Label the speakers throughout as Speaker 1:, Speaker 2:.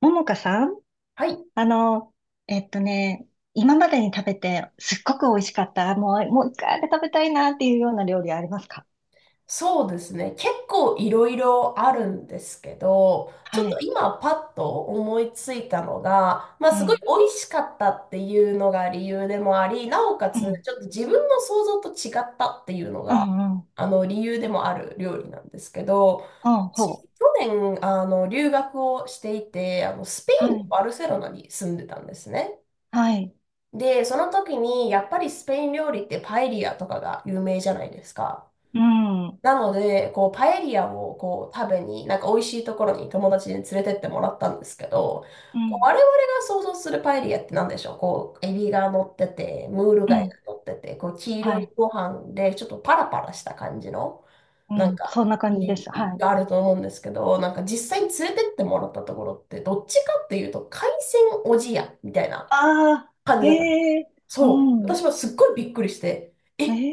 Speaker 1: ももかさん、
Speaker 2: はい、
Speaker 1: あの、えっとね、今までに食べてすっごく美味しかった、もう一回あれ食べたいなっていうような料理ありますか？
Speaker 2: そうですね。結構いろいろあるんですけど、ちょっ
Speaker 1: は
Speaker 2: と
Speaker 1: い。
Speaker 2: 今パッと思いついたのが、まあ
Speaker 1: う
Speaker 2: すごい
Speaker 1: ん、
Speaker 2: 美味しかったっていうのが理由でもあり、なおか
Speaker 1: う
Speaker 2: つ
Speaker 1: ん、
Speaker 2: ちょっと自分の想像と違ったっていうの
Speaker 1: う
Speaker 2: が、
Speaker 1: ん、うん。
Speaker 2: あの理由でもある料理なんですけど、
Speaker 1: あ、ほ
Speaker 2: 私、
Speaker 1: う。
Speaker 2: 去年、留学をしていて、スペ
Speaker 1: は
Speaker 2: インの
Speaker 1: い、
Speaker 2: バルセロナに住んでたんですね。
Speaker 1: はい、
Speaker 2: で、その時に、やっぱりスペイン料理ってパエリアとかが有名じゃないですか。
Speaker 1: うん、うん、
Speaker 2: なので、こう、パエリアをこう食べに、なんか美味しいところに友達に連れてってもらったんですけど、
Speaker 1: う
Speaker 2: こう
Speaker 1: ん、
Speaker 2: 我々が想像するパエリアって何でしょう、こう、エビが乗ってて、ムール貝が乗ってて、こう、黄
Speaker 1: は
Speaker 2: 色い
Speaker 1: い、
Speaker 2: ご飯で、ちょっとパラパラした感じの、
Speaker 1: う
Speaker 2: なん
Speaker 1: ん、
Speaker 2: か、
Speaker 1: そんな
Speaker 2: イ
Speaker 1: 感じ
Speaker 2: メ
Speaker 1: で
Speaker 2: ー
Speaker 1: す。は
Speaker 2: ジ
Speaker 1: い。
Speaker 2: があると思うんですけど、なんか実際に連れてってもらったところって、どっちかっていうと、海鮮おじやみたいな
Speaker 1: ああ。
Speaker 2: 感じ
Speaker 1: へ
Speaker 2: だった。
Speaker 1: え。う
Speaker 2: そう。
Speaker 1: ん。
Speaker 2: 私はすっごいびっくりして、え。
Speaker 1: へ
Speaker 2: い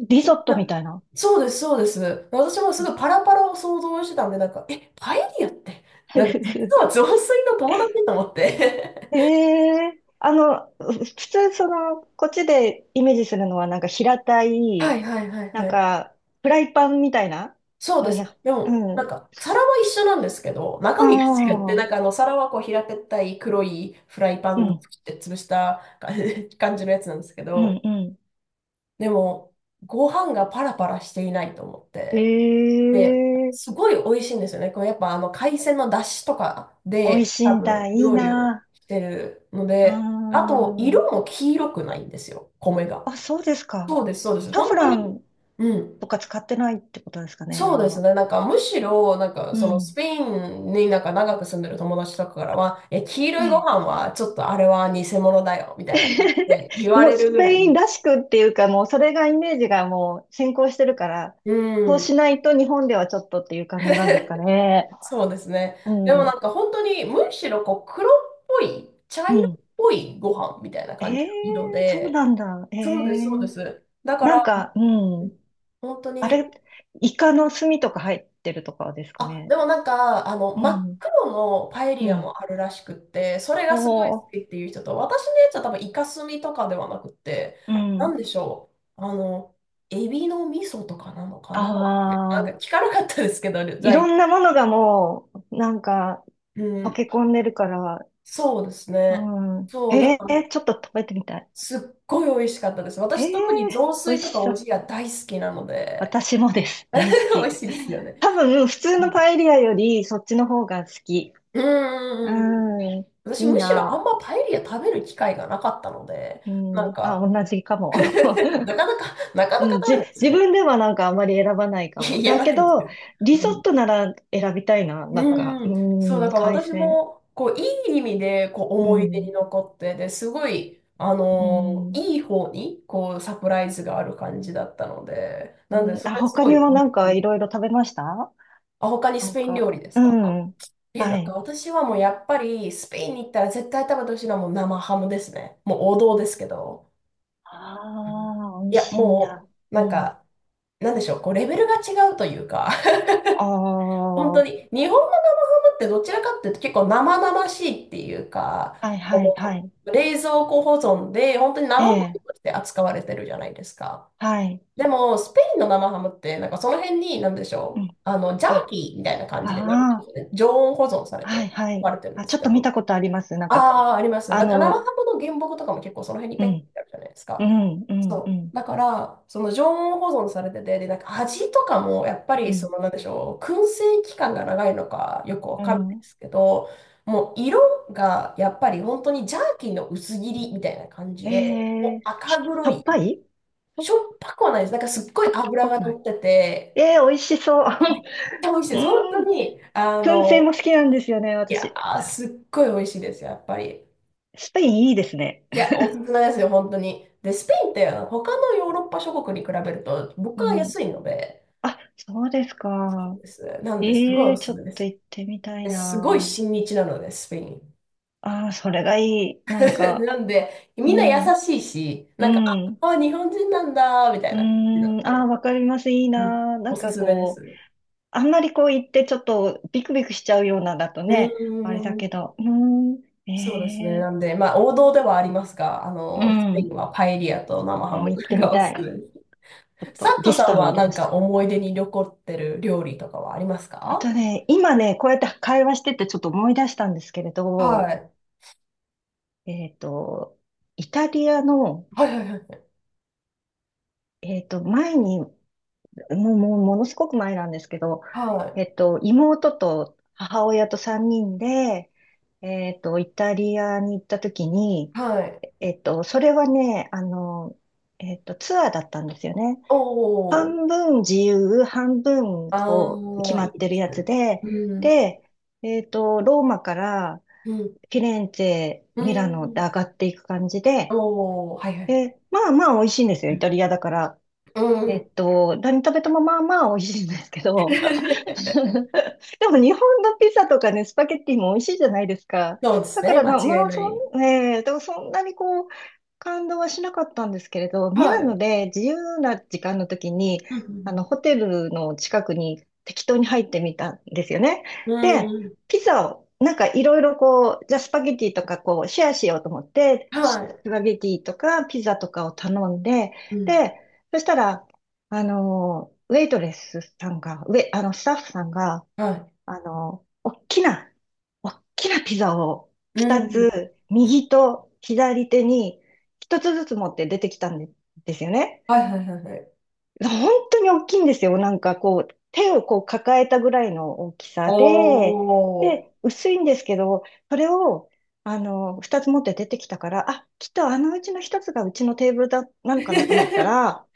Speaker 1: え、リゾット
Speaker 2: や、
Speaker 1: みたいな。
Speaker 2: そうです、そうです。私もすごいパラパラを想像してたんで、なんか、え、パエリアって、
Speaker 1: ふ
Speaker 2: なんか
Speaker 1: ふふ。
Speaker 2: 実は雑炊の友達と思って。
Speaker 1: え、普通その、こっちでイメージするのはなんか平た
Speaker 2: は
Speaker 1: い、
Speaker 2: いはいはい
Speaker 1: な
Speaker 2: は
Speaker 1: ん
Speaker 2: い。
Speaker 1: か、フライパンみたいな
Speaker 2: そうで
Speaker 1: のに、う
Speaker 2: す。でも、
Speaker 1: ん。
Speaker 2: な
Speaker 1: あ
Speaker 2: んか、皿は一緒なんですけど、中身が違って、
Speaker 1: あ、
Speaker 2: なんか皿はこう平べったい黒いフライパ
Speaker 1: う
Speaker 2: ンっ
Speaker 1: ん、
Speaker 2: て潰した感じ 感じのやつなんですけ
Speaker 1: う
Speaker 2: ど、
Speaker 1: ん、う
Speaker 2: でも、ご飯がパラパラしていないと思って。で、
Speaker 1: ん。
Speaker 2: す
Speaker 1: ええ、
Speaker 2: ごい美味しいんですよね。これやっぱ海鮮の出汁とか
Speaker 1: 美味
Speaker 2: で
Speaker 1: しい
Speaker 2: 多
Speaker 1: んだ、
Speaker 2: 分
Speaker 1: いい
Speaker 2: 料理を
Speaker 1: な。
Speaker 2: してるの
Speaker 1: うー
Speaker 2: で、あと
Speaker 1: ん。
Speaker 2: 色も黄色くないんですよ、米が。
Speaker 1: あ、そうですか。
Speaker 2: そうです、そうです。
Speaker 1: サフ
Speaker 2: 本当
Speaker 1: ラ
Speaker 2: に。
Speaker 1: ン
Speaker 2: うん。
Speaker 1: とか使ってないってことですかね、あ
Speaker 2: そう
Speaker 1: ん
Speaker 2: です
Speaker 1: ま。
Speaker 2: ね。なんかむしろ、なんか
Speaker 1: う
Speaker 2: そのス
Speaker 1: ん。
Speaker 2: ペインになんか長く住んでる友達とかからは、え、黄
Speaker 1: え
Speaker 2: 色いご
Speaker 1: え。
Speaker 2: 飯はちょっとあれは偽物だよ、みたいな感 じで言わ
Speaker 1: もう
Speaker 2: れる
Speaker 1: ス
Speaker 2: ぐ
Speaker 1: ペ
Speaker 2: ら
Speaker 1: イン
Speaker 2: い。
Speaker 1: らしくっていうか、もうそれがイメージがもう先行してるから、
Speaker 2: う
Speaker 1: そうし
Speaker 2: ん。
Speaker 1: ないと日本ではちょっとっていう感じなんですか ね。
Speaker 2: そうですね。
Speaker 1: う
Speaker 2: でもな
Speaker 1: ん。
Speaker 2: んか本当にむしろこう黒っぽい、茶
Speaker 1: う
Speaker 2: 色っ
Speaker 1: ん。
Speaker 2: ぽいご飯みたいな
Speaker 1: え
Speaker 2: 感じの色
Speaker 1: え、そうな
Speaker 2: で、
Speaker 1: んだ。え
Speaker 2: そうです、そうで
Speaker 1: え、
Speaker 2: す。だか
Speaker 1: な
Speaker 2: ら、
Speaker 1: んか、うん。
Speaker 2: 本当
Speaker 1: あ
Speaker 2: に、
Speaker 1: れ、イカの墨とか入ってるとかですか
Speaker 2: あ、
Speaker 1: ね。
Speaker 2: でもなんか、
Speaker 1: う
Speaker 2: 真っ
Speaker 1: ん。
Speaker 2: 黒のパエ
Speaker 1: う
Speaker 2: リア
Speaker 1: ん。
Speaker 2: もあるらしくって、それ
Speaker 1: お
Speaker 2: がすごい好
Speaker 1: お、
Speaker 2: きっていう人と、私のやつは多分イカスミとかではなくて、
Speaker 1: う
Speaker 2: なん
Speaker 1: ん。
Speaker 2: でしょう、エビの味噌とかなのかな、みたいな、なん
Speaker 1: あ
Speaker 2: か
Speaker 1: あ、
Speaker 2: 聞かなかったですけど、
Speaker 1: い
Speaker 2: 材
Speaker 1: ろ
Speaker 2: 料。
Speaker 1: んなものがもう、なんか、
Speaker 2: う
Speaker 1: 溶
Speaker 2: ん、
Speaker 1: け込んでるから、
Speaker 2: そうです
Speaker 1: う
Speaker 2: ね。
Speaker 1: ん。
Speaker 2: そう、だ
Speaker 1: え
Speaker 2: から
Speaker 1: え、ちょっと食べてみたい。
Speaker 2: すっごい美味しかったです。
Speaker 1: え
Speaker 2: 私、特に雑
Speaker 1: え、美味
Speaker 2: 炊と
Speaker 1: し
Speaker 2: かお
Speaker 1: そう。
Speaker 2: じや大好きなので、
Speaker 1: 私もです。大好
Speaker 2: 美
Speaker 1: き。
Speaker 2: 味しいですよね。
Speaker 1: 多分、普通
Speaker 2: う
Speaker 1: の
Speaker 2: ん。
Speaker 1: パエリアより、そっちの方が好き。
Speaker 2: う
Speaker 1: う
Speaker 2: んうんうん。
Speaker 1: ん。
Speaker 2: 私、
Speaker 1: いい
Speaker 2: むしろあ
Speaker 1: な。
Speaker 2: んまパエリア食べる機会がなかったので、
Speaker 1: う
Speaker 2: なん
Speaker 1: ん、あ、
Speaker 2: か、
Speaker 1: 同じかも。
Speaker 2: なかなか、なかなか食べないですよ
Speaker 1: 自
Speaker 2: ね。
Speaker 1: 分ではなんかあんまり選ばない
Speaker 2: い
Speaker 1: か
Speaker 2: や、
Speaker 1: も。
Speaker 2: や
Speaker 1: だ
Speaker 2: らな
Speaker 1: け
Speaker 2: いんです
Speaker 1: ど、
Speaker 2: よ。
Speaker 1: リ
Speaker 2: う
Speaker 1: ゾッ
Speaker 2: ん。
Speaker 1: トなら選びたいな。なんか、
Speaker 2: う
Speaker 1: う
Speaker 2: ん。そう、だ
Speaker 1: ん、
Speaker 2: から
Speaker 1: 海
Speaker 2: 私
Speaker 1: 鮮。
Speaker 2: も、こう、いい意味で、こう、
Speaker 1: う
Speaker 2: 思い出に
Speaker 1: ん、
Speaker 2: 残って、で、すごい、
Speaker 1: うん、
Speaker 2: いい方に、こう、サプライズがある感じだったので、
Speaker 1: う
Speaker 2: なんで、そ
Speaker 1: ん。あ、
Speaker 2: れす
Speaker 1: 他
Speaker 2: ご
Speaker 1: に
Speaker 2: い、う
Speaker 1: は
Speaker 2: ん。
Speaker 1: なんかいろいろ食べました？
Speaker 2: あ、他に
Speaker 1: な
Speaker 2: ス
Speaker 1: ん
Speaker 2: ペイン
Speaker 1: か、
Speaker 2: 料理です
Speaker 1: う
Speaker 2: か？
Speaker 1: ん。
Speaker 2: え、な
Speaker 1: は
Speaker 2: んか
Speaker 1: い。
Speaker 2: 私はもうやっぱりスペインに行ったら絶対食べてほしいのはもう生ハムですね。もう王道ですけど。
Speaker 1: あ
Speaker 2: うん。
Speaker 1: あ、美味
Speaker 2: いや、
Speaker 1: しいん
Speaker 2: も
Speaker 1: だ。
Speaker 2: う、な
Speaker 1: う
Speaker 2: ん
Speaker 1: ん。
Speaker 2: か、なんでしょう、こう、レベルが違うというか、
Speaker 1: ああ、
Speaker 2: 本当
Speaker 1: は
Speaker 2: に、日本の生ハムってどちらかっていうと結構生々しいっていうか、
Speaker 1: いはいは
Speaker 2: こ
Speaker 1: い。
Speaker 2: の冷蔵庫保存で、本当に
Speaker 1: え
Speaker 2: 生もの
Speaker 1: え、
Speaker 2: として扱われてるじゃないですか。
Speaker 1: はい。
Speaker 2: でも、スペインの生ハムって、なんかその辺に、なんでし
Speaker 1: う
Speaker 2: ょう、
Speaker 1: ん。
Speaker 2: ジャー
Speaker 1: あ、
Speaker 2: キーみたいな
Speaker 1: あ
Speaker 2: 感じで、なんていうんで
Speaker 1: あ、
Speaker 2: すかね、常温保存され
Speaker 1: はい
Speaker 2: て
Speaker 1: は
Speaker 2: 置か
Speaker 1: い。
Speaker 2: れてるんで
Speaker 1: あ、
Speaker 2: す
Speaker 1: ちょっ
Speaker 2: け
Speaker 1: と見
Speaker 2: ど、
Speaker 1: たことあります。なんか、
Speaker 2: ああ、あります。
Speaker 1: あ
Speaker 2: だって生ハ
Speaker 1: の、
Speaker 2: ムの原木とかも結構その辺に
Speaker 1: う
Speaker 2: ペッて
Speaker 1: ん。
Speaker 2: あるじゃないです
Speaker 1: う
Speaker 2: か。
Speaker 1: ん、うん、う
Speaker 2: そう。
Speaker 1: ん、
Speaker 2: だから、その常温保存されてて、で、なんか味とかも、やっぱ
Speaker 1: う
Speaker 2: り、そ
Speaker 1: ん、
Speaker 2: の、なんでしょう、燻製期間が長いのかよくわ
Speaker 1: う
Speaker 2: かるんないで
Speaker 1: ん。
Speaker 2: すけど、もう色がやっぱり本当にジャーキーの薄切りみたいな感じ
Speaker 1: え
Speaker 2: で、もう
Speaker 1: え
Speaker 2: 赤
Speaker 1: しし
Speaker 2: 黒
Speaker 1: ょっ
Speaker 2: い。
Speaker 1: ぱいし
Speaker 2: し
Speaker 1: ょ、
Speaker 2: ょっぱくはないです。なんかすっごい
Speaker 1: あ、しょっ
Speaker 2: 脂
Speaker 1: ぱ
Speaker 2: が
Speaker 1: くな
Speaker 2: 乗
Speaker 1: い。
Speaker 2: ってて、
Speaker 1: えー、美味しそう。
Speaker 2: いやめっちゃ美味しい で
Speaker 1: う
Speaker 2: す。本当
Speaker 1: ん。
Speaker 2: に、
Speaker 1: 燻製も好きなんですよね、
Speaker 2: いや
Speaker 1: 私。
Speaker 2: ー、すっごい美味しいですよ、やっぱり。
Speaker 1: スペインいいですね。
Speaker 2: いや、おすすめですよ、本当に。で、スペインって他のヨーロッパ諸国に比べると物 価
Speaker 1: う
Speaker 2: が安
Speaker 1: ん。
Speaker 2: いので、
Speaker 1: あ、そうですか。
Speaker 2: なんで、すごい
Speaker 1: え
Speaker 2: お
Speaker 1: え、
Speaker 2: す
Speaker 1: ち
Speaker 2: す
Speaker 1: ょ
Speaker 2: め
Speaker 1: っ
Speaker 2: で
Speaker 1: と
Speaker 2: す。
Speaker 1: 行ってみたい
Speaker 2: で、すごい
Speaker 1: な。
Speaker 2: 親日なので、スペイン。
Speaker 1: ああ、それがいい。なん か、
Speaker 2: なんで、
Speaker 1: う
Speaker 2: みんな優
Speaker 1: ん、
Speaker 2: しいし、
Speaker 1: う
Speaker 2: なんか、あ、
Speaker 1: ん、
Speaker 2: あ日本人なんだ、みたい
Speaker 1: う
Speaker 2: な感じなん
Speaker 1: ん。ああ、
Speaker 2: で、
Speaker 1: わかります。いい
Speaker 2: うん、
Speaker 1: な。な
Speaker 2: お
Speaker 1: ん
Speaker 2: す
Speaker 1: か
Speaker 2: すめで
Speaker 1: こう、
Speaker 2: す。
Speaker 1: あんまりこう言ってちょっとビクビクしちゃうようなだと
Speaker 2: うー
Speaker 1: ね、あれだけ
Speaker 2: ん。
Speaker 1: ど、うーん、
Speaker 2: そうですね。
Speaker 1: え
Speaker 2: なんで、まあ、王道ではありますが、
Speaker 1: ー、う
Speaker 2: スペイン
Speaker 1: ん、
Speaker 2: はパエリアと生ハ
Speaker 1: もう
Speaker 2: ム
Speaker 1: 行ってみ
Speaker 2: がお
Speaker 1: た
Speaker 2: す
Speaker 1: い。
Speaker 2: すめで
Speaker 1: ちょっ
Speaker 2: す。サッ
Speaker 1: とリ
Speaker 2: ト
Speaker 1: ス
Speaker 2: さ
Speaker 1: ト
Speaker 2: ん
Speaker 1: に
Speaker 2: は
Speaker 1: 入れ
Speaker 2: な
Speaker 1: ま
Speaker 2: ん
Speaker 1: し
Speaker 2: か
Speaker 1: た。
Speaker 2: 思い出に残ってる料理とかはありますか？
Speaker 1: 今ね、こうやって会話しててちょっと思い出したんですけれ
Speaker 2: は
Speaker 1: ど、
Speaker 2: い。
Speaker 1: えっと、イタリアの、
Speaker 2: はいはいはい。
Speaker 1: 前にものすごく前なんですけど、
Speaker 2: はい。
Speaker 1: 妹と母親と3人で、イタリアに行った時に、
Speaker 2: はい。
Speaker 1: それはね、ツアーだったんですよね。
Speaker 2: おー。
Speaker 1: 半分自由、半分こう、
Speaker 2: あ
Speaker 1: 決
Speaker 2: あ、
Speaker 1: ま
Speaker 2: いい
Speaker 1: って
Speaker 2: で
Speaker 1: る
Speaker 2: す
Speaker 1: やつ
Speaker 2: ね。
Speaker 1: で、
Speaker 2: うん。
Speaker 1: で、えっと、ローマから
Speaker 2: うん。
Speaker 1: フィレンツェ、
Speaker 2: う
Speaker 1: ミラノで
Speaker 2: ん。
Speaker 1: 上がっていく感じで、
Speaker 2: おー。はいはい。
Speaker 1: で、まあまあ美味しいんですよ、イタリアだから。
Speaker 2: うん。
Speaker 1: 何食べてもまあまあ美味しいんですけど、でも日本のピザとかね、スパゲッティも美味しいじゃないですか。
Speaker 2: そうです
Speaker 1: だか
Speaker 2: ね。
Speaker 1: ら
Speaker 2: 間
Speaker 1: な、
Speaker 2: 違い
Speaker 1: まあ
Speaker 2: な
Speaker 1: そ
Speaker 2: い。
Speaker 1: ん、ねえ、でもそんなにこう、感動はしなかったんですけれど、ミ
Speaker 2: は
Speaker 1: ラノ
Speaker 2: い。
Speaker 1: で自由な時間の時に、
Speaker 2: う
Speaker 1: あの、
Speaker 2: ん。
Speaker 1: ホテルの近くに適当に入ってみたんですよね。
Speaker 2: う
Speaker 1: で、
Speaker 2: ん。うん。
Speaker 1: ピザを、なんかいろいろこう、じゃあスパゲッティとかこう、シェアしようと思って、
Speaker 2: は
Speaker 1: ス
Speaker 2: い。
Speaker 1: パゲッティとかピザとかを頼んで、
Speaker 2: うん。
Speaker 1: で、そしたら、あの、ウェイトレスさんが、ウェ、あの、スタッフさんが、
Speaker 2: は
Speaker 1: あの、おっきなピザを
Speaker 2: い。う
Speaker 1: 2
Speaker 2: ん。
Speaker 1: つ、右と左手に1つずつ持って出てきたんで、ですよね。
Speaker 2: はいはいはいはい。
Speaker 1: 本当に大きいんですよ。なんかこう、手をこう抱えたぐらいの大き
Speaker 2: お
Speaker 1: さで、で、
Speaker 2: ー。
Speaker 1: 薄いんですけど、それを、あの、2つ持って出てきたから、あ、きっとあのうちの1つがうちのテーブルだ、なのかなと思った ら、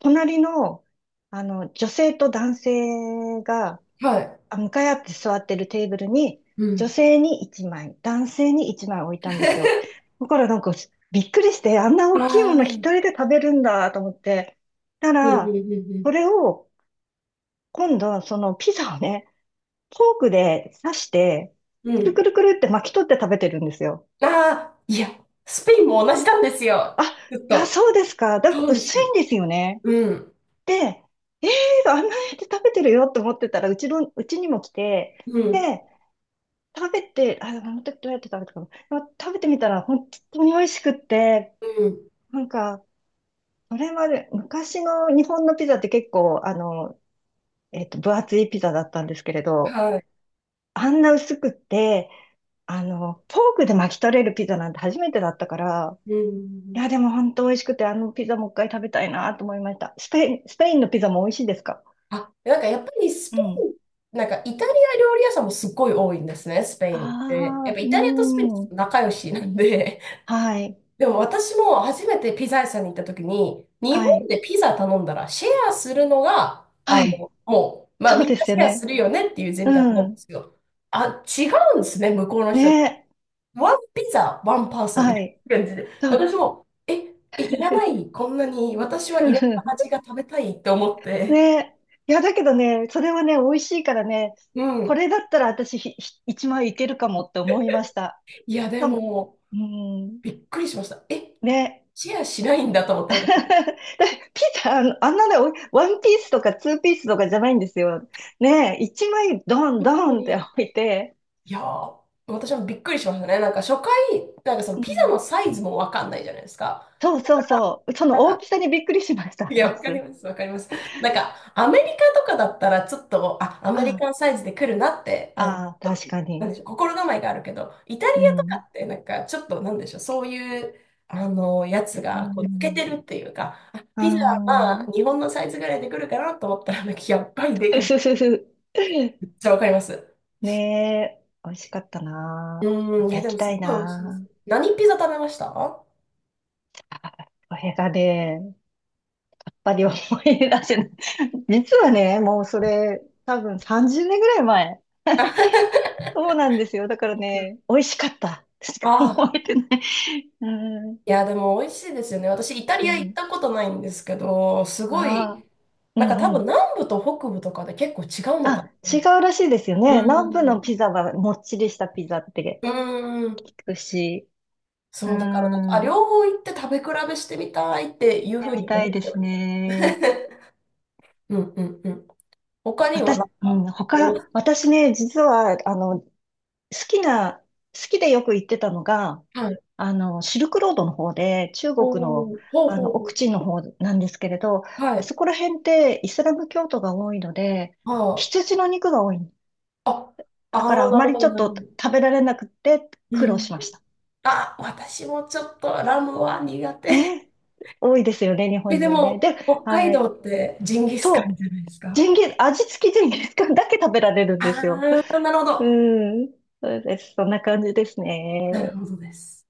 Speaker 1: 隣の、あの、女性と男性が、
Speaker 2: はい。
Speaker 1: あ、向かい合って座ってるテーブルに、
Speaker 2: う
Speaker 1: 女
Speaker 2: ん。
Speaker 1: 性に1枚、男性に1枚置いたんですよ。だからなんか、びっくりして、あんな
Speaker 2: あ
Speaker 1: 大きい
Speaker 2: あ、
Speaker 1: もの
Speaker 2: うんう
Speaker 1: 一
Speaker 2: ん
Speaker 1: 人で食べるんだと思って。たら、
Speaker 2: う
Speaker 1: それを、今度、そのピザをね、フォークで刺して、
Speaker 2: んうん。
Speaker 1: く
Speaker 2: う
Speaker 1: るく
Speaker 2: ん。
Speaker 1: るくるって巻き取って食べてるんですよ。
Speaker 2: ああ、いや、スペインも同じなんですよ。
Speaker 1: あ、
Speaker 2: ずっ
Speaker 1: いや、
Speaker 2: と。
Speaker 1: そうですか。だ、
Speaker 2: そうで
Speaker 1: 薄い
Speaker 2: す。
Speaker 1: んですよね。
Speaker 2: うん。
Speaker 1: で、えー、あんなやって食べてるよって思ってたら、うちの、うちにも来て、
Speaker 2: うん。
Speaker 1: で、食べて、あ、あの時どうやって食べたかな。でも食べてみたら本当に美味しくって、
Speaker 2: うん。
Speaker 1: なんか、それまで、昔の日本のピザって結構、あの、分厚いピザだったんですけれど、
Speaker 2: はい。
Speaker 1: あんな薄くって、あの、フォークで巻き取れるピザなんて初めてだったから、
Speaker 2: う
Speaker 1: い
Speaker 2: ん。
Speaker 1: や、でも本当美味しくて、あのピザもう一回食べたいなと思いました。スペインのピザも美味しいですか？
Speaker 2: あ、なんかやっぱりス
Speaker 1: う
Speaker 2: ペ
Speaker 1: ん。
Speaker 2: イン、なんかイタリア料理屋さんもすっごい多いんですね、スペイ
Speaker 1: あ
Speaker 2: ンって。やっ
Speaker 1: あ、
Speaker 2: ぱ
Speaker 1: う
Speaker 2: イタリアとスペインって
Speaker 1: ーん。
Speaker 2: 仲良しなんで、
Speaker 1: はい。
Speaker 2: でも私も初めてピザ屋さんに行った時に、日
Speaker 1: は
Speaker 2: 本
Speaker 1: い。
Speaker 2: でピザ頼んだらシェアするのが、
Speaker 1: はい。
Speaker 2: もう、まあ
Speaker 1: そう
Speaker 2: みん
Speaker 1: で
Speaker 2: な
Speaker 1: す
Speaker 2: シ
Speaker 1: よ
Speaker 2: ェアす
Speaker 1: ね。
Speaker 2: るよねっていう前提な
Speaker 1: う
Speaker 2: んで
Speaker 1: ん。
Speaker 2: すよ。あ、違うんですね、向こうの人。
Speaker 1: ね。
Speaker 2: ワンピザ、ワンパーソンみ
Speaker 1: は
Speaker 2: たい
Speaker 1: い。
Speaker 2: な感じで。
Speaker 1: そう。
Speaker 2: 私も、え、いらない、こんなに、私はいろんな 味が食べたいって思って。
Speaker 1: ね。いや、だけどね、それはね、美味しいからね、
Speaker 2: う
Speaker 1: こ
Speaker 2: ん。
Speaker 1: れだったら私ひ、ひ一枚いけるかもって思いました。
Speaker 2: いや、で
Speaker 1: 多分、
Speaker 2: も、
Speaker 1: うん。
Speaker 2: びっくりしました。え、
Speaker 1: ね。
Speaker 2: シェアしないんだと思っ て、
Speaker 1: だ
Speaker 2: 私、
Speaker 1: ピザ、あのあんなね、おワンピースとかツーピースとかじゃないんですよ。ね、一枚ドン
Speaker 2: 本
Speaker 1: ド
Speaker 2: 当
Speaker 1: ンって
Speaker 2: に。
Speaker 1: 置いて、
Speaker 2: いやー、私もびっくりしましたね。なんか初回、なんかその
Speaker 1: う
Speaker 2: ピザ
Speaker 1: ん、
Speaker 2: のサイズもわかんないじゃないですか。
Speaker 1: そうそうそう。そ
Speaker 2: な
Speaker 1: の
Speaker 2: ん
Speaker 1: 大
Speaker 2: か、
Speaker 1: きさにびっくりしました、
Speaker 2: い や、
Speaker 1: ま
Speaker 2: わかり
Speaker 1: ず。
Speaker 2: ます、わかります。なんか、アメリカとかだったら、ちょっと、あ、アメリ
Speaker 1: あ
Speaker 2: カンサイズで来るなって、
Speaker 1: あ、ああ、確か
Speaker 2: なん
Speaker 1: に。
Speaker 2: でしょう、心構えがあるけど、イタリ
Speaker 1: う
Speaker 2: アとか
Speaker 1: ん。
Speaker 2: って、なんか、ちょっと、なんでしょう、そういう、やつ
Speaker 1: う
Speaker 2: が、こう、抜けて
Speaker 1: ん、
Speaker 2: るっていうか、あ、
Speaker 1: う
Speaker 2: ピザは、ま
Speaker 1: ん。
Speaker 2: あ、日本のサイズぐらいで来るかなと思ったら、なんか、やっぱりでか
Speaker 1: ふ
Speaker 2: い。
Speaker 1: ふふふ。
Speaker 2: めっちゃわかります。
Speaker 1: ねえ、美味しかった
Speaker 2: う
Speaker 1: な。ま
Speaker 2: ーん、い
Speaker 1: た
Speaker 2: や、
Speaker 1: 行
Speaker 2: で
Speaker 1: き
Speaker 2: も、す
Speaker 1: た
Speaker 2: っ
Speaker 1: い
Speaker 2: ごい美味しいです。
Speaker 1: な。
Speaker 2: 何ピザ食べました？
Speaker 1: あこれがね、やっぱり思い出せない。実はね、もうそれ、多分30年ぐらい前。
Speaker 2: あ
Speaker 1: そうなんですよ。だからね、美味しかった。しか思
Speaker 2: あ
Speaker 1: え
Speaker 2: あ、
Speaker 1: てない。うん。
Speaker 2: いや、でも美味しいですよね。私、イタ
Speaker 1: う
Speaker 2: リア行っ
Speaker 1: ん。
Speaker 2: たことないんですけど、す
Speaker 1: あ
Speaker 2: ご
Speaker 1: あ、
Speaker 2: い、
Speaker 1: う
Speaker 2: なんか多
Speaker 1: んう
Speaker 2: 分
Speaker 1: ん。
Speaker 2: 南部と北部とかで結構違うのかな
Speaker 1: あ、
Speaker 2: と思
Speaker 1: 違
Speaker 2: って。
Speaker 1: うらしいですよ
Speaker 2: う
Speaker 1: ね。南部の
Speaker 2: ん。
Speaker 1: ピザはもっちりしたピザって
Speaker 2: うーん。
Speaker 1: 聞くし。うー
Speaker 2: そう、だからなんか、
Speaker 1: ん。
Speaker 2: あ、
Speaker 1: 行っ
Speaker 2: 両方行って食べ比べしてみたいっていうふ
Speaker 1: て
Speaker 2: う
Speaker 1: み
Speaker 2: に
Speaker 1: た
Speaker 2: 思
Speaker 1: い
Speaker 2: っ
Speaker 1: で
Speaker 2: てお
Speaker 1: す
Speaker 2: ります。
Speaker 1: ね。
Speaker 2: うんうんうん。他には
Speaker 1: 私、
Speaker 2: なん
Speaker 1: う
Speaker 2: か
Speaker 1: ん、
Speaker 2: あります？
Speaker 1: 他、私ね、実は、あの、きな、好きでよく行ってたのが、
Speaker 2: はい。
Speaker 1: あの、シルクロードの方で、中
Speaker 2: お
Speaker 1: 国の、
Speaker 2: お、ほう
Speaker 1: あ
Speaker 2: ほ
Speaker 1: の、
Speaker 2: う
Speaker 1: 奥
Speaker 2: ほ
Speaker 1: 地の方なんですけれど、
Speaker 2: う。は
Speaker 1: あ
Speaker 2: い。
Speaker 1: そこら辺ってイスラム教徒が多いので、
Speaker 2: あ
Speaker 1: 羊の肉が多い。
Speaker 2: あ、
Speaker 1: だ
Speaker 2: あ
Speaker 1: から
Speaker 2: あー、
Speaker 1: あ
Speaker 2: な
Speaker 1: ま
Speaker 2: る
Speaker 1: り
Speaker 2: ほ
Speaker 1: ちょ
Speaker 2: ど、
Speaker 1: っ
Speaker 2: なる
Speaker 1: と
Speaker 2: ほど。
Speaker 1: 食べられなくて
Speaker 2: う
Speaker 1: 苦労し
Speaker 2: ん。
Speaker 1: ました。
Speaker 2: あ、私もちょっとラムは苦手。
Speaker 1: ね。多いですよね、日
Speaker 2: え、
Speaker 1: 本
Speaker 2: で
Speaker 1: 人はね。で、
Speaker 2: も、北海
Speaker 1: は
Speaker 2: 道
Speaker 1: い。
Speaker 2: ってジンギスカン
Speaker 1: そう。
Speaker 2: じゃないですか？
Speaker 1: ジンギス、味付きジンギスカンだけ食べられるんで
Speaker 2: あ
Speaker 1: すよ。
Speaker 2: あー、なるほ
Speaker 1: う
Speaker 2: ど。
Speaker 1: ん。そうです。そんな感じです
Speaker 2: なる
Speaker 1: ね。
Speaker 2: ほどです。